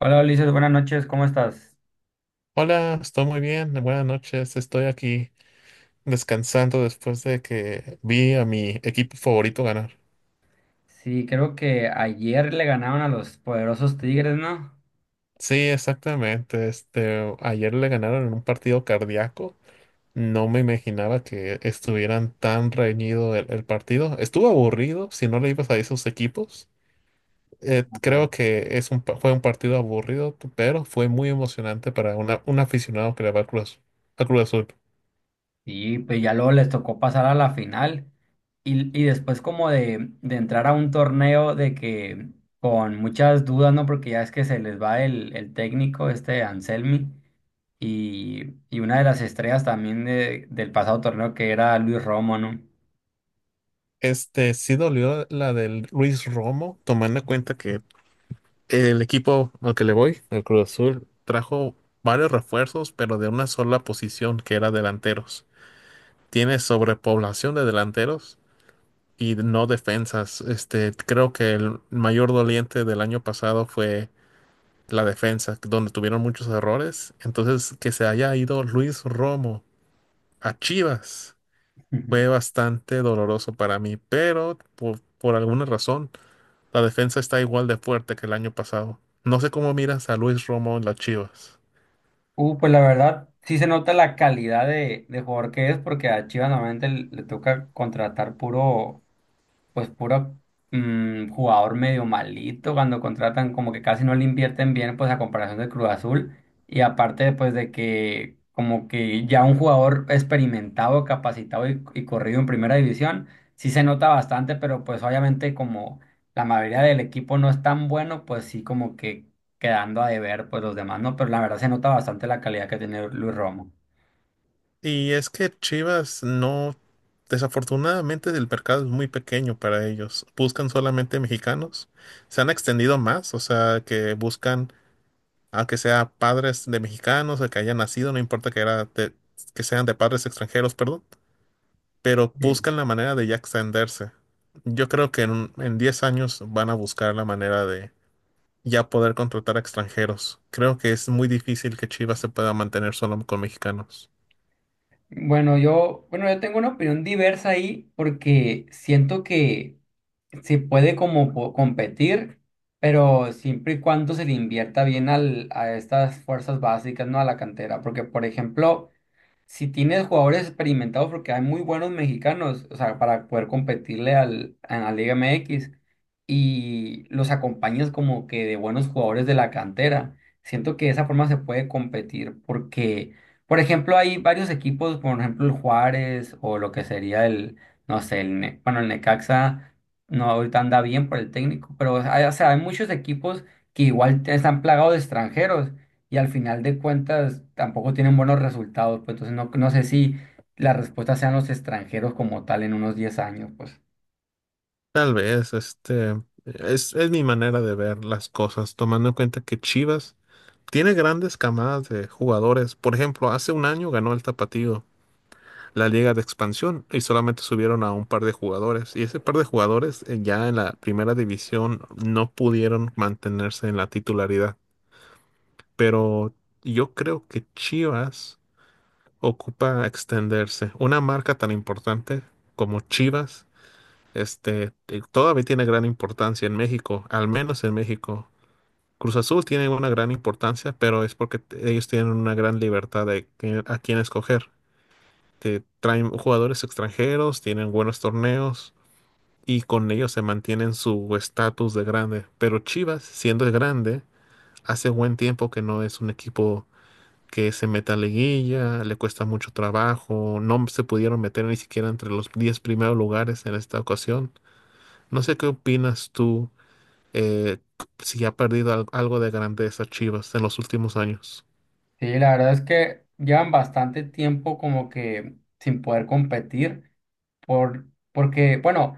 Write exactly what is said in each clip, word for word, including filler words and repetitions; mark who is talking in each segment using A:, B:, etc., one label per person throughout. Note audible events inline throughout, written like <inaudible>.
A: Hola Ulises, buenas noches, ¿cómo estás?
B: Hola, estoy muy bien. Buenas noches. Estoy aquí descansando después de que vi a mi equipo favorito ganar.
A: Sí, creo que ayer le ganaron a los poderosos Tigres, ¿no?
B: Sí, exactamente. Este, ayer le ganaron en un partido cardíaco. No me imaginaba que estuvieran tan reñido el, el partido. Estuvo aburrido si no le ibas a esos equipos. Eh,
A: Ajá.
B: creo que es un, pa- fue un partido aburrido, pero fue muy emocionante para una, un aficionado que le va a Cruz, a Cruz Azul.
A: Y pues ya luego les tocó pasar a la final y, y después como de, de entrar a un torneo de que con muchas dudas, ¿no? Porque ya es que se les va el, el técnico, este Anselmi, y, y una de las estrellas también de- del pasado torneo que era Luis Romo, ¿no?
B: Este sí dolió la del Luis Romo, tomando en cuenta que el equipo al que le voy, el Cruz Azul, trajo varios refuerzos, pero de una sola posición, que era delanteros. Tiene sobrepoblación de delanteros y no defensas. Este, creo que el mayor doliente del año pasado fue la defensa, donde tuvieron muchos errores. Entonces, que se haya ido Luis Romo a Chivas fue
A: <laughs>
B: bastante doloroso para mí, pero por, por alguna razón la defensa está igual de fuerte que el año pasado. No sé cómo miras a Luis Romo en las Chivas.
A: Uh, pues la verdad, sí se nota la calidad de, de jugador que es, porque a Chivas normalmente le le toca contratar puro, pues puro, mm, jugador medio malito cuando contratan, como que casi no le invierten bien, pues a comparación de Cruz Azul. Y aparte, pues de que como que ya un jugador experimentado, capacitado y, y corrido en primera división, sí se nota bastante, pero pues obviamente como la mayoría del equipo no es tan bueno, pues sí como que quedando a deber, pues los demás no, pero la verdad se nota bastante la calidad que tiene Luis Romo.
B: Y es que Chivas no, desafortunadamente el mercado es muy pequeño para ellos. Buscan solamente mexicanos. Se han extendido más, o sea, que buscan a que sea padres de mexicanos, a que hayan nacido, no importa que, era de- que sean de padres extranjeros, perdón. Pero
A: Sí.
B: buscan la manera de ya extenderse. Yo creo que en, un- en diez años van a buscar la manera de ya poder contratar a extranjeros. Creo que es muy difícil que Chivas se pueda mantener solo con mexicanos.
A: Bueno, yo, bueno, yo tengo una opinión diversa ahí porque siento que sí puede como po- competir, pero siempre y cuando se le invierta bien al, a estas fuerzas básicas, ¿no? A la cantera. Porque, por ejemplo, si tienes jugadores experimentados, porque hay muy buenos mexicanos, o sea, para poder competirle al, a la Liga M X y los acompañas como que de buenos jugadores de la cantera, siento que de esa forma se puede competir porque, por ejemplo, hay varios equipos, por ejemplo, el Juárez o lo que sería el, no sé, el, Ne- bueno, el Necaxa, no, ahorita anda bien por el técnico, pero hay, o sea, hay muchos equipos que igual te- están plagados de extranjeros y al final de cuentas tampoco tienen buenos resultados, pues entonces no, no sé si la respuesta sean los extranjeros como tal en unos diez años, pues.
B: Tal vez, este, es, es mi manera de ver las cosas, tomando en cuenta que Chivas tiene grandes camadas de jugadores. Por ejemplo, hace un año ganó el Tapatío, la Liga de Expansión, y solamente subieron a un par de jugadores. Y ese par de jugadores eh, ya en la primera división no pudieron mantenerse en la titularidad. Pero yo creo que Chivas ocupa extenderse. Una marca tan importante como Chivas, este, eh, todavía tiene gran importancia en México, al menos en México. Cruz Azul tiene una gran importancia, pero es porque t- ellos tienen una gran libertad de que- a quién escoger. Te traen jugadores extranjeros, tienen buenos torneos y con ellos se mantienen su estatus de grande. Pero Chivas, siendo grande, hace buen tiempo que no es un equipo que se meta a liguilla, le cuesta mucho trabajo, no se pudieron meter ni siquiera entre los diez primeros lugares en esta ocasión. No sé qué opinas tú eh, si ha perdido al- algo de grandeza Chivas en los últimos años.
A: Sí, la verdad es que llevan bastante tiempo como que sin poder competir Por, porque, bueno,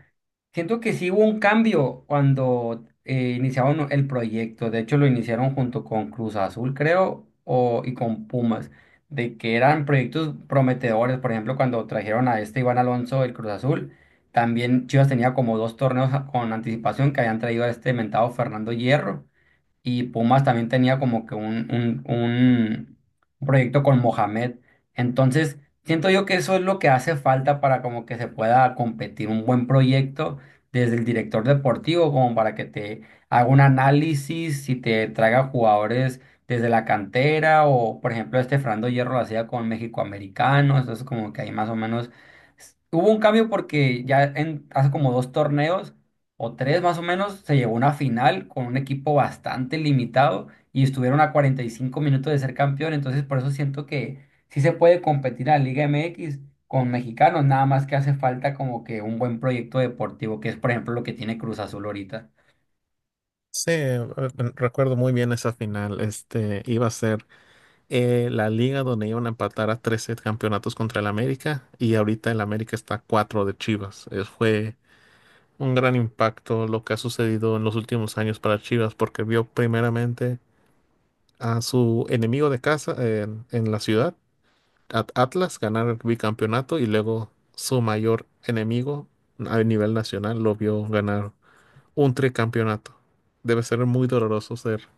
A: siento que sí hubo un cambio cuando eh, iniciaron el proyecto. De hecho, lo iniciaron junto con Cruz Azul, creo, o, y con Pumas, de que eran proyectos prometedores. Por ejemplo, cuando trajeron a este Iván Alonso del Cruz Azul, también Chivas tenía como dos torneos a- con anticipación que habían traído a este mentado Fernando Hierro y Pumas también tenía como que un, un, un- un proyecto con Mohamed. Entonces, siento yo que eso es lo que hace falta para como que se pueda competir un buen proyecto desde el director deportivo, como para que te haga un análisis y te traiga jugadores desde la cantera o, por ejemplo, este Fernando Hierro lo hacía con México Americano, entonces como que ahí más o menos s- hubo un cambio porque ya en, hace como dos torneos o tres más o menos, se llegó a una final con un equipo bastante limitado y estuvieron a cuarenta y cinco minutos de ser campeón. Entonces, por eso siento que sí se puede competir en la Liga M X con mexicanos, nada más que hace falta como que un buen proyecto deportivo, que es por ejemplo lo que tiene Cruz Azul ahorita.
B: Sí, eh, recuerdo muy bien esa final. Este iba a ser eh, la liga donde iban a empatar a trece campeonatos contra el América y ahorita el América está a cuatro de Chivas. Eh, fue un gran impacto lo que ha sucedido en los últimos años para Chivas porque vio primeramente a su enemigo de casa en, en la ciudad, At- Atlas, ganar el bicampeonato y luego su mayor enemigo a nivel nacional lo vio ganar un tricampeonato. Debe ser muy doloroso ser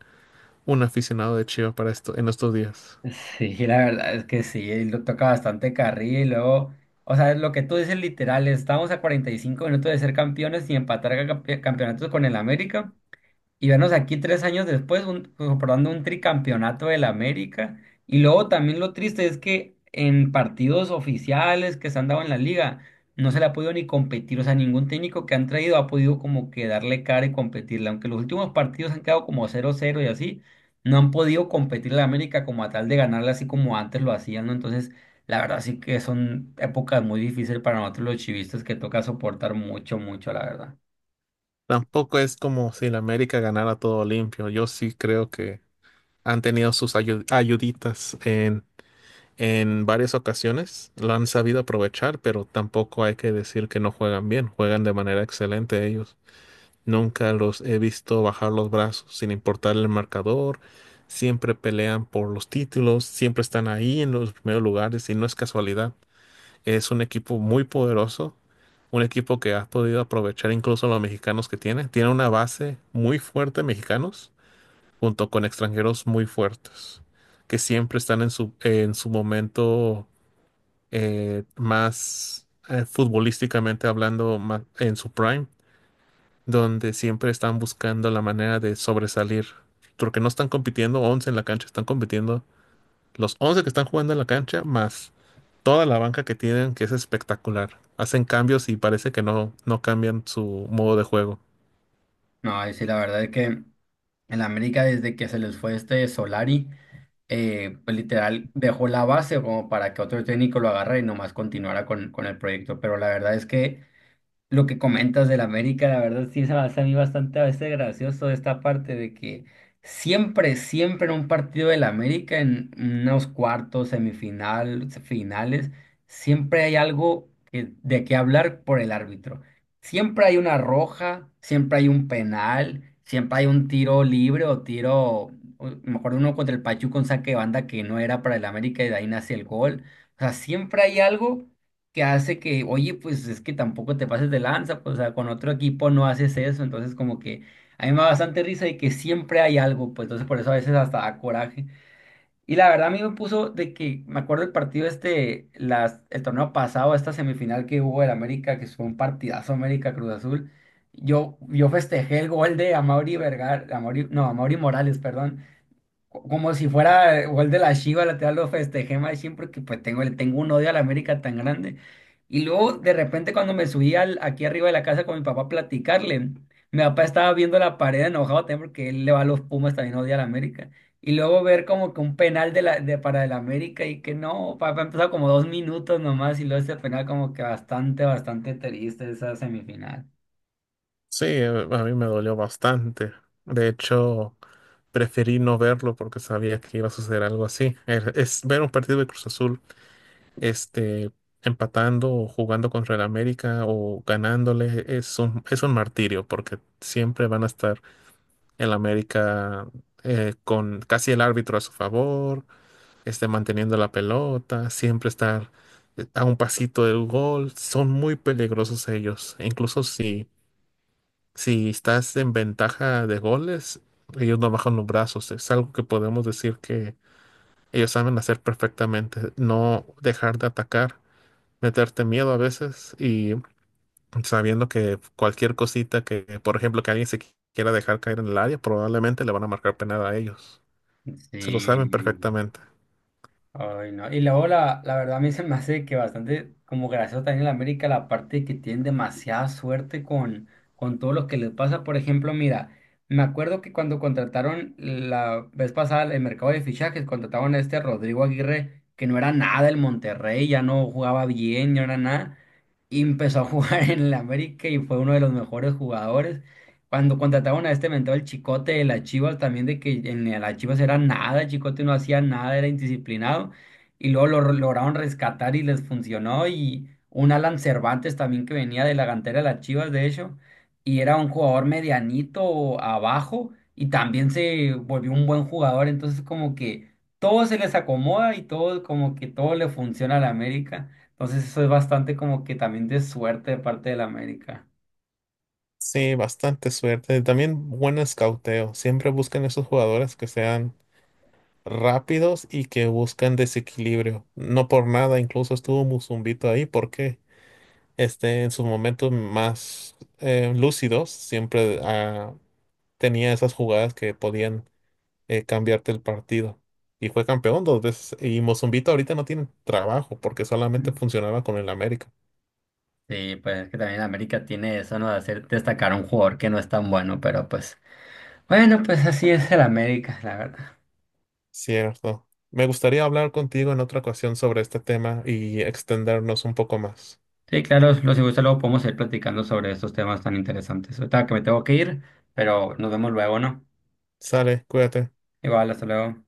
B: un aficionado de Chivas para esto en estos días.
A: Sí, la verdad es que sí, lo toca bastante carril y luego, o sea, lo que tú dices literal, estamos a cuarenta y cinco minutos de ser campeones y empatar campe- campeonatos con el América, y vernos aquí tres años después un, comprobando un tricampeonato del América. Y luego también lo triste es que en partidos oficiales que se han dado en la liga, no se le ha podido ni competir, o sea, ningún técnico que han traído ha podido como que darle cara y competirle, aunque los últimos partidos han quedado como cero cero y así, no han podido competir la América como a tal de ganarle así como antes lo hacían, ¿no? Entonces, la verdad sí que son épocas muy difíciles para nosotros los chivistas que toca soportar mucho, mucho, la verdad.
B: Tampoco es como si la América ganara todo limpio. Yo sí creo que han tenido sus ayu- ayuditas en, en varias ocasiones. Lo han sabido aprovechar, pero tampoco hay que decir que no juegan bien. Juegan de manera excelente ellos. Nunca los he visto bajar los brazos sin importar el marcador. Siempre pelean por los títulos, siempre están ahí en los primeros lugares y no es casualidad. Es un equipo muy poderoso, un equipo que ha podido aprovechar incluso los mexicanos que tiene. Tiene una base muy fuerte de mexicanos junto con extranjeros muy fuertes que siempre están en su, en su momento eh, más eh, futbolísticamente hablando, más en su prime donde siempre están buscando la manera de sobresalir, porque no están compitiendo once en la cancha, están compitiendo los once que están jugando en la cancha más toda la banca que tienen, que es espectacular. Hacen cambios y parece que no, no cambian su modo de juego.
A: No, y sí, la verdad es que... En la América, desde que se les fue este Solari, eh, pues literal dejó la base como para que otro técnico lo agarre y nomás continuara con, con el proyecto. Pero la verdad es que lo que comentas del América, la verdad sí se me hace a mí bastante a veces gracioso esta parte de que siempre, siempre en un partido del América, en unos cuartos, semifinal, finales, siempre hay algo que- de qué hablar por el árbitro. Siempre hay una roja, siempre hay un penal, siempre hay un tiro libre o tiro, o- me acuerdo uno contra el Pachuca, un saque de banda que no era para el América y de ahí nace el gol. O sea, siempre hay algo que hace que, oye, pues es que tampoco te pases de lanza, pues o sea, con otro equipo no haces eso, entonces como que a mí me da bastante risa y que siempre hay algo, pues entonces por eso a veces hasta da coraje. Y la verdad a mí me puso de que, me acuerdo el partido este, las, el torneo pasado, esta semifinal que hubo del América, que fue un partidazo América Cruz Azul, yo, yo festejé el gol de Amauri Vergara, Amauri, no, Amauri Morales, perdón, co- como si fuera gol de la Chiva, lateral lo festejé más siempre porque pues tengo, le tengo un odio a la América tan grande. Y luego de repente cuando me subí al, aquí arriba de la casa con mi papá a platicarle, mi papá estaba viendo la pared enojado también porque él le va a los Pumas, también odia a la América. Y luego ver como que un penal de la, de, para el América y que no, papá empezó como dos minutos nomás y luego ese penal como que bastante, bastante triste esa semifinal.
B: Sí, eh, a mí me dolió bastante. De hecho, preferí no verlo porque sabía que iba a suceder algo así. Es es ver un partido de Cruz Azul este, empatando o jugando contra el América o ganándole es un, es un martirio porque siempre van a estar el América eh, con casi el árbitro a su favor, este, manteniendo la pelota, siempre estar eh, a un pasito del gol. Son muy peligrosos ellos. E incluso si, si estás en ventaja de goles, ellos no bajan los brazos. Es algo que podemos decir que ellos saben hacer perfectamente, no dejar de atacar, meterte miedo a veces y sabiendo que cualquier cosita que, por ejemplo, que alguien se qui- quiera dejar caer en el área, probablemente le van a marcar penal a ellos. Se lo saben
A: Sí.
B: perfectamente.
A: Ay, no. Y luego la, la verdad a mí se me hace que bastante como gracioso también en América la parte que tienen demasiada suerte con, con todo lo que les pasa. Por ejemplo, mira, me acuerdo que cuando contrataron la vez pasada el mercado de fichajes, contrataron a este Rodrigo Aguirre, que no era nada el Monterrey, ya no jugaba bien, no era nada, y empezó a <laughs> jugar en el América y fue uno de los mejores jugadores. Cuando contrataron a este mentor, el Chicote de las Chivas, también de que en las Chivas era nada, el Chicote no hacía nada, era indisciplinado, y luego lo re- lograron rescatar y les funcionó, y un Alan Cervantes también que venía de la cantera de las Chivas, de hecho, y era un jugador medianito abajo, y también se volvió un buen jugador, entonces como que todo se les acomoda y todo como que todo le funciona a la América, entonces eso es bastante como que también de suerte de parte de la América.
B: Sí, bastante suerte. También buen escauteo. Siempre buscan esos jugadores que sean rápidos y que buscan desequilibrio. No por nada, incluso estuvo Musumbito ahí porque este, en sus momentos más eh, lúcidos siempre ah, tenía esas jugadas que podían eh, cambiarte el partido. Y fue campeón dos veces. Y Mozumbito ahorita no tiene trabajo porque solamente funcionaba con el América.
A: Sí, pues es que también América tiene eso, ¿no? De hacer destacar a un jugador que no es tan bueno, pero pues, bueno, pues así es el América, la verdad.
B: Cierto. Me gustaría hablar contigo en otra ocasión sobre este tema y extendernos un poco más.
A: Sí, claro, los si gusta luego podemos ir platicando sobre estos temas tan interesantes. Ahorita que me tengo que ir, pero nos vemos luego, ¿no?
B: Sale, cuídate.
A: Igual, hasta luego.